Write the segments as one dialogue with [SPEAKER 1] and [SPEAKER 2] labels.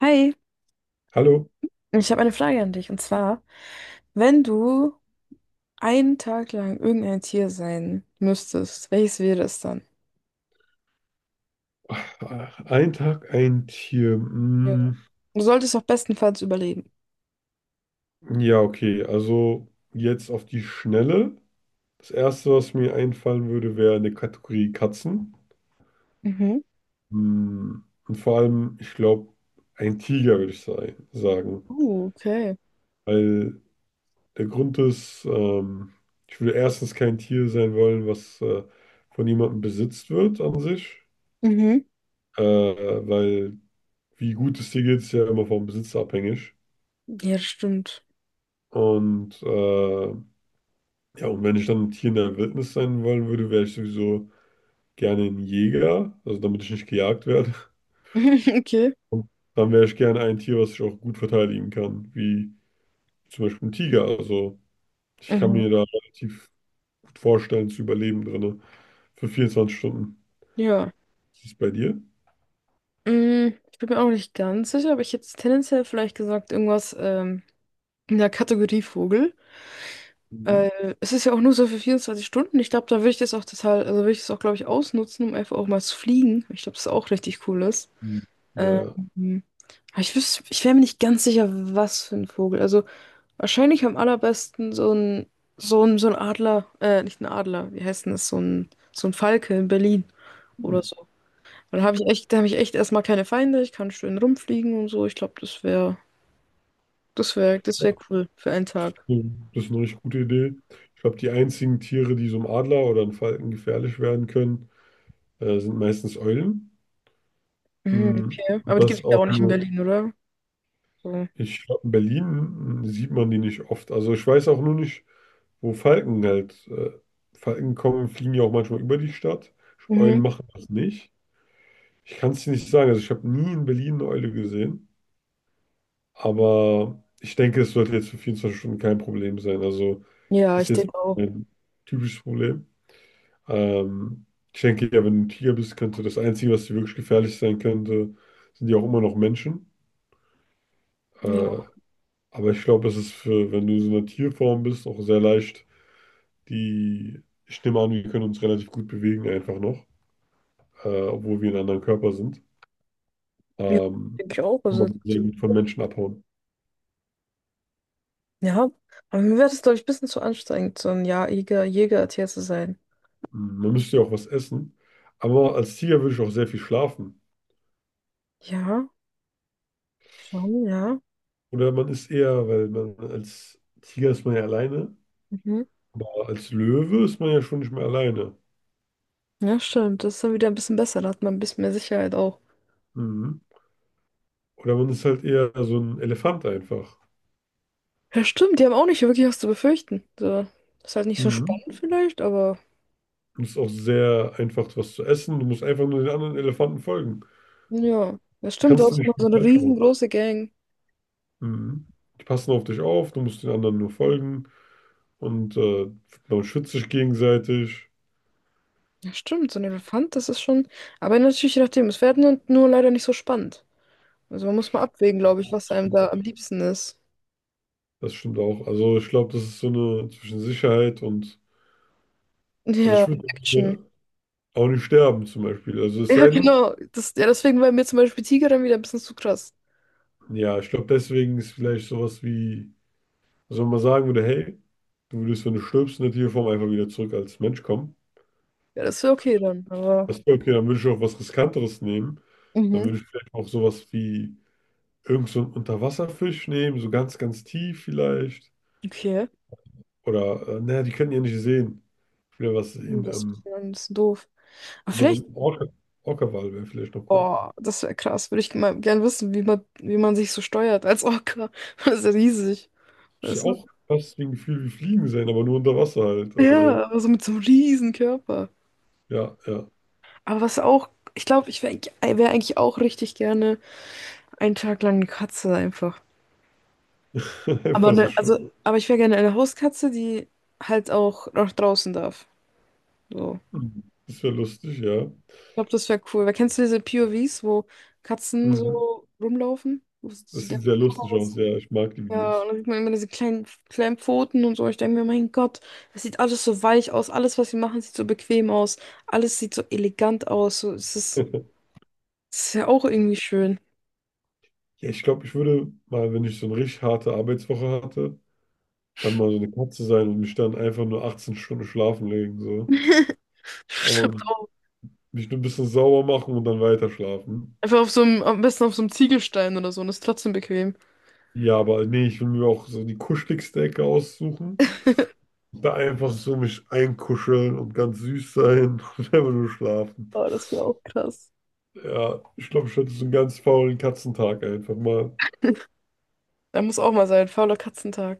[SPEAKER 1] Hi,
[SPEAKER 2] Hallo,
[SPEAKER 1] ich habe eine Frage an dich. Und zwar, wenn du einen Tag lang irgendein Tier sein müsstest, welches wäre es dann?
[SPEAKER 2] ein Tag, ein Tier.
[SPEAKER 1] Ja. Du solltest auch bestenfalls überleben.
[SPEAKER 2] Ja, okay, also jetzt auf die Schnelle. Das Erste, was mir einfallen würde, wäre eine Kategorie Katzen.
[SPEAKER 1] Mhm.
[SPEAKER 2] Und vor allem, ich glaube, ein Tiger würde ich sagen.
[SPEAKER 1] Okay.
[SPEAKER 2] Weil der Grund ist, ich würde erstens kein Tier sein wollen, was von jemandem besitzt wird an sich.
[SPEAKER 1] Mhm.
[SPEAKER 2] Äh, weil wie gut es dir geht, ist ja immer vom Besitzer abhängig.
[SPEAKER 1] Ja, das stimmt.
[SPEAKER 2] Und äh, Ja, und wenn ich dann ein Tier in der Wildnis sein wollen würde, wäre ich sowieso gerne ein Jäger, also damit ich nicht gejagt werde.
[SPEAKER 1] Okay.
[SPEAKER 2] Und dann wäre ich gerne ein Tier, was ich auch gut verteidigen kann, wie zum Beispiel ein Tiger. Also ich kann
[SPEAKER 1] Mhm.
[SPEAKER 2] mir da relativ gut vorstellen, zu überleben drinne für 24 Stunden.
[SPEAKER 1] Ja.
[SPEAKER 2] Ist es bei dir?
[SPEAKER 1] Mm, ich bin mir auch nicht ganz sicher, aber ich hätte jetzt tendenziell vielleicht gesagt, irgendwas in der Kategorie Vogel.
[SPEAKER 2] Mhm.
[SPEAKER 1] Es ist ja auch nur so für 24 Stunden. Ich glaube, da würde ich das auch total, also würde ich das auch, glaube ich, ausnutzen, um einfach auch mal zu fliegen. Ich glaube, das ist auch richtig cool.
[SPEAKER 2] Ja,
[SPEAKER 1] Ähm,
[SPEAKER 2] ja.
[SPEAKER 1] aber ich wüsste, ich wäre mir nicht ganz sicher, was für ein Vogel. Also wahrscheinlich am allerbesten so ein Adler, nicht ein Adler, wie heißt denn das? So ein Falke in Berlin oder so. Und da habe da habe ich echt erstmal keine Feinde, ich kann schön rumfliegen und so. Ich glaube, das wäre cool für einen Tag.
[SPEAKER 2] Das ist eine richtig gute Idee. Ich glaube, die einzigen Tiere, die so einem Adler oder einem Falken gefährlich werden können, sind meistens Eulen.
[SPEAKER 1] Mhm,
[SPEAKER 2] Mm,
[SPEAKER 1] okay.
[SPEAKER 2] und
[SPEAKER 1] Aber die gibt
[SPEAKER 2] das
[SPEAKER 1] es ja
[SPEAKER 2] auch
[SPEAKER 1] auch nicht in
[SPEAKER 2] nur.
[SPEAKER 1] Berlin, oder? So.
[SPEAKER 2] Ich glaube, in Berlin sieht man die nicht oft. Also ich weiß auch nur nicht, wo Falken halt. Falken kommen, fliegen ja auch manchmal über die Stadt. Ich glaub, Eulen
[SPEAKER 1] Mhm.
[SPEAKER 2] machen das nicht. Ich kann es dir nicht sagen. Also ich habe nie in Berlin eine Eule gesehen. Aber ich denke, es sollte jetzt für 24 Stunden kein Problem sein. Also
[SPEAKER 1] Ja,
[SPEAKER 2] ist
[SPEAKER 1] ich
[SPEAKER 2] jetzt
[SPEAKER 1] denke auch.
[SPEAKER 2] ein typisches Problem. Ähm, Ich denke, ja, wenn du ein Tiger bist, könnte das Einzige, was dir wirklich gefährlich sein könnte, sind ja auch immer noch Menschen. Äh,
[SPEAKER 1] Ja,
[SPEAKER 2] Aber ich glaube, es ist für, wenn du so eine Tierform bist, auch sehr leicht. Die, ich nehme an, wir können uns relativ gut bewegen, einfach noch, obwohl wir in einem anderen Körper sind.
[SPEAKER 1] ja,
[SPEAKER 2] Ähm,
[SPEAKER 1] denke ich auch.
[SPEAKER 2] Kann
[SPEAKER 1] Also.
[SPEAKER 2] man sehr gut von Menschen abhauen.
[SPEAKER 1] Ja, aber mir wäre das, glaube ich, ein bisschen zu anstrengend, so ein Jahr Jägertier zu sein.
[SPEAKER 2] Mhm, man müsste ja auch was essen. Aber als Tiger würde ich auch sehr viel schlafen.
[SPEAKER 1] Ja, schon, ja.
[SPEAKER 2] Oder man ist eher, weil man als Tiger ist man ja alleine,
[SPEAKER 1] Mhm.
[SPEAKER 2] aber als Löwe ist man ja schon nicht mehr alleine.
[SPEAKER 1] Ja, stimmt. Das ist dann wieder ein bisschen besser. Da hat man ein bisschen mehr Sicherheit auch.
[SPEAKER 2] Mhm. Oder man ist halt eher so ein Elefant einfach.
[SPEAKER 1] Ja, stimmt. Die haben auch nicht wirklich was zu befürchten. So. Ist halt nicht so
[SPEAKER 2] Mhm.
[SPEAKER 1] spannend vielleicht, aber
[SPEAKER 2] Und es ist auch sehr einfach, was zu essen. Du musst einfach nur den anderen Elefanten folgen.
[SPEAKER 1] ja. Das
[SPEAKER 2] Da
[SPEAKER 1] stimmt. Du
[SPEAKER 2] kannst du
[SPEAKER 1] hast immer
[SPEAKER 2] nicht
[SPEAKER 1] so
[SPEAKER 2] viel
[SPEAKER 1] eine
[SPEAKER 2] falsch machen.
[SPEAKER 1] riesengroße Gang.
[SPEAKER 2] Mhm. Die passen auf dich auf, du musst den anderen nur folgen. Und äh, Man schützt sich gegenseitig.
[SPEAKER 1] Ja, stimmt. So ein Elefant, das ist schon. Aber natürlich, je nachdem. Es wäre nur leider nicht so spannend. Also man muss mal abwägen,
[SPEAKER 2] Ja,
[SPEAKER 1] glaube ich,
[SPEAKER 2] das
[SPEAKER 1] was einem
[SPEAKER 2] stimmt
[SPEAKER 1] da am
[SPEAKER 2] auch.
[SPEAKER 1] liebsten ist.
[SPEAKER 2] Das stimmt auch. Also ich glaube, das ist so eine zwischen Sicherheit und... Also ich
[SPEAKER 1] Ja,
[SPEAKER 2] würde
[SPEAKER 1] Action.
[SPEAKER 2] hier auch nicht sterben zum Beispiel. Also es
[SPEAKER 1] Ja,
[SPEAKER 2] sei denn,
[SPEAKER 1] genau. Ja, deswegen war mir zum Beispiel Tiger dann wieder ein bisschen zu krass.
[SPEAKER 2] ja, ich glaube, deswegen ist vielleicht sowas wie... Also wenn man sagen würde, hey, du würdest, wenn du stirbst, in der Tierform einfach wieder zurück als Mensch kommen.
[SPEAKER 1] Ja, das wäre okay dann, aber
[SPEAKER 2] Weißt du, okay, dann würde ich auch was Riskanteres nehmen. Dann
[SPEAKER 1] mhm.
[SPEAKER 2] würde ich vielleicht auch sowas wie irgend so einen Unterwasserfisch nehmen, so ganz, ganz tief vielleicht.
[SPEAKER 1] Okay.
[SPEAKER 2] Oder, naja, die können ja nicht sehen. Wieder was
[SPEAKER 1] Hm,
[SPEAKER 2] sehen.
[SPEAKER 1] das ist dann ein bisschen doof. Aber
[SPEAKER 2] Aber so ein
[SPEAKER 1] vielleicht,
[SPEAKER 2] Orca, Orca-Wal wäre vielleicht noch cool.
[SPEAKER 1] boah, das wäre krass. Würde ich mal gern wissen, wie man sich so steuert als Orca. Das ist ja riesig.
[SPEAKER 2] Ist ja
[SPEAKER 1] Weißt du?
[SPEAKER 2] auch fast wie ein Gefühl wie Fliegen sein, aber nur unter Wasser halt. Also,
[SPEAKER 1] Ja, aber so mit so einem riesen Körper.
[SPEAKER 2] ja, ja.
[SPEAKER 1] Aber was auch, ich glaube, ich wäre eigentlich auch richtig gerne einen Tag lang eine Katze einfach. Aber
[SPEAKER 2] Einfach so
[SPEAKER 1] ne,
[SPEAKER 2] schön.
[SPEAKER 1] also, aber ich wäre gerne eine Hauskatze, die halt auch nach draußen darf. So.
[SPEAKER 2] Mhm. Das wäre lustig, ja.
[SPEAKER 1] Ich glaube, das wäre cool. Weil kennst du diese POVs, wo Katzen
[SPEAKER 2] Mhm.
[SPEAKER 1] so rumlaufen? Wo es zu
[SPEAKER 2] Das
[SPEAKER 1] deren
[SPEAKER 2] sieht sehr lustig
[SPEAKER 1] Kameras-
[SPEAKER 2] aus, ja. Ich mag die
[SPEAKER 1] ja,
[SPEAKER 2] Videos.
[SPEAKER 1] und dann sieht man immer diese kleinen Pfoten und so. Ich denke mir, mein Gott, das sieht alles so weich aus. Alles, was sie machen, sieht so bequem aus. Alles sieht so elegant aus. So, es ist ja auch irgendwie schön.
[SPEAKER 2] Ja, ich glaube, ich würde mal, wenn ich so eine richtig harte Arbeitswoche hatte, dann mal so eine Katze sein und mich dann einfach nur 18 Stunden schlafen legen, so.
[SPEAKER 1] Stimmt
[SPEAKER 2] Und
[SPEAKER 1] auch.
[SPEAKER 2] mich nur ein bisschen sauber machen und dann weiter schlafen.
[SPEAKER 1] Einfach am besten auf so einem Ziegelstein oder so. Und ist trotzdem bequem.
[SPEAKER 2] Ja, aber nee, ich will mir auch so die kuscheligste Ecke aussuchen. Da einfach so mich einkuscheln und ganz süß sein und einfach nur schlafen.
[SPEAKER 1] Oh, das wäre auch krass.
[SPEAKER 2] Ja, ich glaube, ich hätte so einen ganz faulen Katzentag einfach mal.
[SPEAKER 1] Da muss auch mal sein. Fauler Katzentag.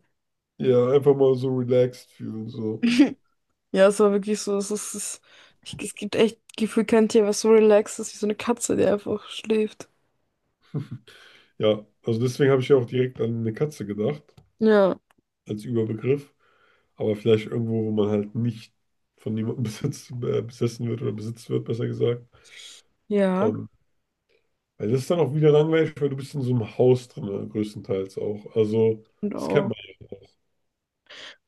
[SPEAKER 2] Ja, einfach mal so relaxed fühlen, so.
[SPEAKER 1] Ja, es war wirklich so, es ist, es, ich, es gibt echt gefühlt kein Tier, was so relaxed ist wie so eine Katze, die einfach schläft.
[SPEAKER 2] Ja, also deswegen habe ich ja auch direkt an eine Katze gedacht,
[SPEAKER 1] Ja.
[SPEAKER 2] als Überbegriff. Aber vielleicht irgendwo, wo man halt nicht von niemandem besitzt, besessen wird oder besitzt wird, besser gesagt.
[SPEAKER 1] Ja,
[SPEAKER 2] Ähm, Weil das ist dann auch wieder langweilig, weil du bist in so einem Haus drin, größtenteils auch. Also,
[SPEAKER 1] und
[SPEAKER 2] das kennt
[SPEAKER 1] auch.
[SPEAKER 2] man.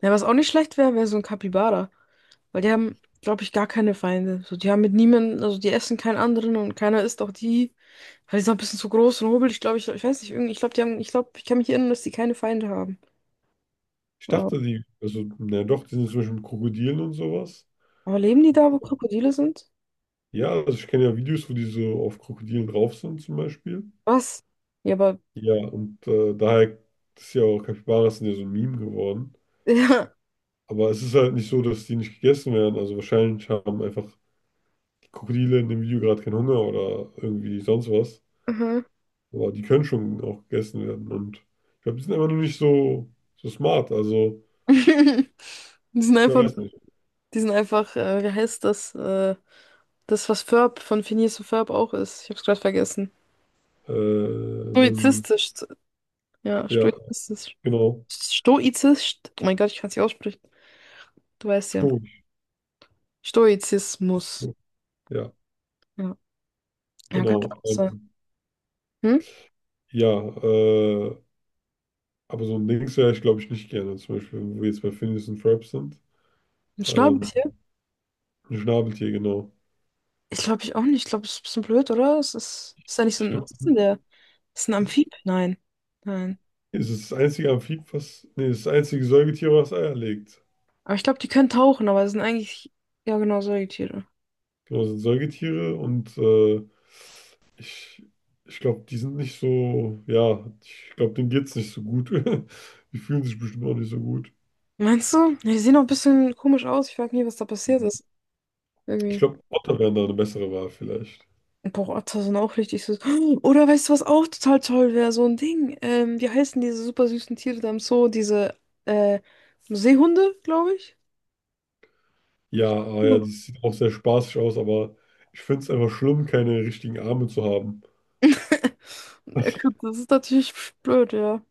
[SPEAKER 1] Ja, was auch nicht schlecht wäre, wäre so ein Kapibara. Weil die haben, glaube ich, gar keine Feinde. So, die haben mit niemandem, also die essen keinen anderen und keiner isst auch die. Weil die sind auch ein bisschen zu groß und hobelig, glaube ich. Ich weiß nicht, irgendwie, ich glaube, ich kann mich erinnern, dass die keine Feinde haben.
[SPEAKER 2] Ich
[SPEAKER 1] Ja.
[SPEAKER 2] dachte, die, also, na ja, doch, die sind zum Beispiel mit Krokodilen und sowas.
[SPEAKER 1] Aber leben die da, wo Krokodile sind?
[SPEAKER 2] Ja, also ich kenne ja Videos, wo die so auf Krokodilen drauf sind, zum Beispiel.
[SPEAKER 1] Was? Ja, aber.
[SPEAKER 2] Daher ist ja auch Capybaras sind ja so ein Meme geworden.
[SPEAKER 1] Ja.
[SPEAKER 2] Aber es ist halt nicht so, dass die nicht gegessen werden. Also wahrscheinlich haben einfach Krokodile in dem Video gerade keinen Hunger oder irgendwie sonst was.
[SPEAKER 1] Aha.
[SPEAKER 2] Aber die können schon auch gegessen werden. Und ich glaube, die sind einfach nur nicht so, so smart. Also,
[SPEAKER 1] Die sind
[SPEAKER 2] ich
[SPEAKER 1] einfach
[SPEAKER 2] weiß nicht.
[SPEAKER 1] Die sind einfach, wie heißt das, das, was Ferb von Phineas und Ferb auch ist. Ich hab's gerade vergessen.
[SPEAKER 2] Äh, so ein,
[SPEAKER 1] Stoizistisch. Ja,
[SPEAKER 2] ja,
[SPEAKER 1] stoizistisch.
[SPEAKER 2] genau.
[SPEAKER 1] Stoizistisch. Oh mein Gott, ich kann's nicht aussprechen. Du weißt ja.
[SPEAKER 2] Stoisch.
[SPEAKER 1] Stoizismus.
[SPEAKER 2] Ja,
[SPEAKER 1] Ja, ja, könnte
[SPEAKER 2] genau.
[SPEAKER 1] auch sein. Hm?
[SPEAKER 2] Ja, äh, aber so ein Dings wäre ich, glaube ich, nicht gerne. Zum Beispiel, wenn wir jetzt bei Phineas und Ferb sind.
[SPEAKER 1] Ein
[SPEAKER 2] Ähm,
[SPEAKER 1] Schnabeltier?
[SPEAKER 2] ein Schnabeltier, genau.
[SPEAKER 1] Ich glaube ich auch nicht. Ich glaube, es ist ein bisschen blöd, oder? Ist ja nicht so
[SPEAKER 2] Ich
[SPEAKER 1] ein.
[SPEAKER 2] glaube,
[SPEAKER 1] Was ist denn der? Ist ein
[SPEAKER 2] das
[SPEAKER 1] Amphib? Nein. Nein.
[SPEAKER 2] das ist das einzige Amphib, was, nee, das ist das einzige Säugetier, was Eier legt.
[SPEAKER 1] Aber ich glaube, die können tauchen, aber es sind eigentlich. Ja, genau, Säugetiere.
[SPEAKER 2] Genau, das sind Säugetiere und äh, Ich, ich glaube, die sind nicht so, ja, ich glaube, denen geht es nicht so gut. Die fühlen sich bestimmt auch nicht so gut.
[SPEAKER 1] Meinst du? Ja, die sehen auch ein bisschen komisch aus. Ich frage nie, was da passiert ist.
[SPEAKER 2] Ich
[SPEAKER 1] Irgendwie.
[SPEAKER 2] glaube, Otter wären da eine bessere Wahl vielleicht.
[SPEAKER 1] Boah, das sind auch richtig süß. Oder weißt du, was auch total toll wäre? So ein Ding. Wie heißen diese super süßen Tiere da im Zoo? Diese äh, Seehunde, glaube ich.
[SPEAKER 2] Ja, ah ja, die sieht auch sehr spaßig aus, aber ich finde es einfach schlimm, keine richtigen Arme zu haben.
[SPEAKER 1] Hm. Ja,
[SPEAKER 2] Weil
[SPEAKER 1] gut, das ist natürlich blöd, ja.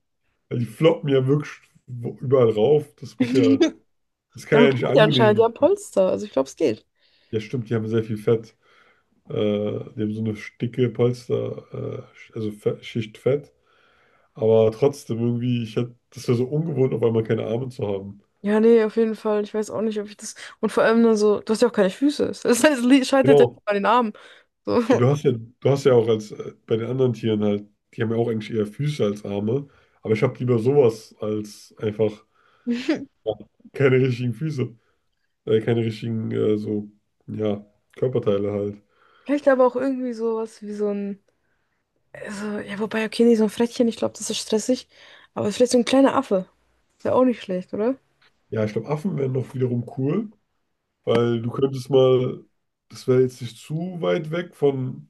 [SPEAKER 2] die floppen ja wirklich überall rauf. Das muss ja, das kann
[SPEAKER 1] Ja,
[SPEAKER 2] ja
[SPEAKER 1] gut,
[SPEAKER 2] nicht
[SPEAKER 1] die anscheinend, die
[SPEAKER 2] angenehm.
[SPEAKER 1] haben Polster. Also ich glaube, es geht.
[SPEAKER 2] Ja, stimmt, die haben sehr viel Fett. Äh, Die haben so eine dicke Polster, also Schicht Fett. Aber trotzdem irgendwie, ich hätte, das wäre so ungewohnt, auf einmal keine Arme zu haben.
[SPEAKER 1] Ja, nee, auf jeden Fall. Ich weiß auch nicht, ob ich das. Und vor allem dann so, du hast ja auch keine Füße. Das heißt, es scheitert ja
[SPEAKER 2] Genau.
[SPEAKER 1] nicht bei den Armen. So.
[SPEAKER 2] Ja, du hast ja, du hast ja auch als bei den anderen Tieren halt, die haben ja auch eigentlich eher Füße als Arme. Aber ich habe lieber sowas als einfach ja, keine richtigen Füße, keine richtigen so, ja, Körperteile halt.
[SPEAKER 1] Vielleicht aber auch irgendwie sowas wie so ein. Also, ja, wobei, okay, nee, so ein Frettchen, ich glaube, das ist stressig. Aber vielleicht so ein kleiner Affe. Ist ja auch nicht schlecht, oder?
[SPEAKER 2] Ja, ich glaube, Affen wären noch wiederum cool, weil du könntest mal, das wäre jetzt nicht zu weit weg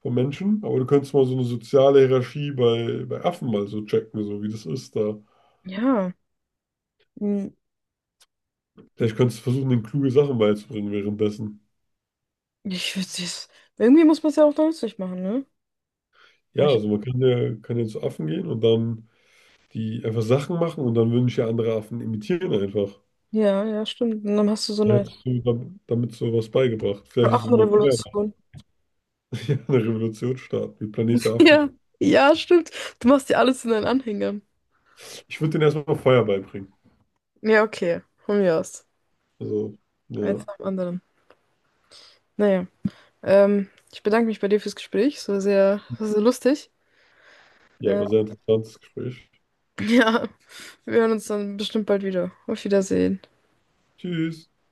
[SPEAKER 2] von Menschen, aber du könntest mal so eine soziale Hierarchie bei Affen mal so checken, so wie das ist da.
[SPEAKER 1] Ja. Hm,
[SPEAKER 2] Vielleicht kannst du versuchen, den kluge Sachen beizubringen währenddessen.
[SPEAKER 1] ich würde es. Irgendwie muss man es ja auch nützlich machen, ne? Aber
[SPEAKER 2] Ja,
[SPEAKER 1] ich,
[SPEAKER 2] also kann ja zu Affen gehen und dann die einfach Sachen machen und dann würden dich ja andere Affen imitieren einfach.
[SPEAKER 1] ja, ja, stimmt. Und dann hast du so
[SPEAKER 2] Dann
[SPEAKER 1] eine
[SPEAKER 2] hättest du damit so was beigebracht. Vielleicht ist es immer Feuer,
[SPEAKER 1] Affenrevolution.
[SPEAKER 2] ja, eine Revolution starten, wie Planet der Affen.
[SPEAKER 1] Ja, ja, stimmt. Du machst dir alles in deinen Anhänger.
[SPEAKER 2] Ich würde denen erstmal Feuer beibringen.
[SPEAKER 1] Ja, okay. Von mir aus.
[SPEAKER 2] Also,
[SPEAKER 1] Eins
[SPEAKER 2] ja.
[SPEAKER 1] nach dem anderen. Naja. Ich bedanke mich bei dir fürs Gespräch. Es war war sehr lustig.
[SPEAKER 2] Ja,
[SPEAKER 1] Äh,
[SPEAKER 2] war sehr interessantes Gespräch.
[SPEAKER 1] ja, wir hören uns dann bestimmt bald wieder. Auf Wiedersehen.
[SPEAKER 2] Tschüss.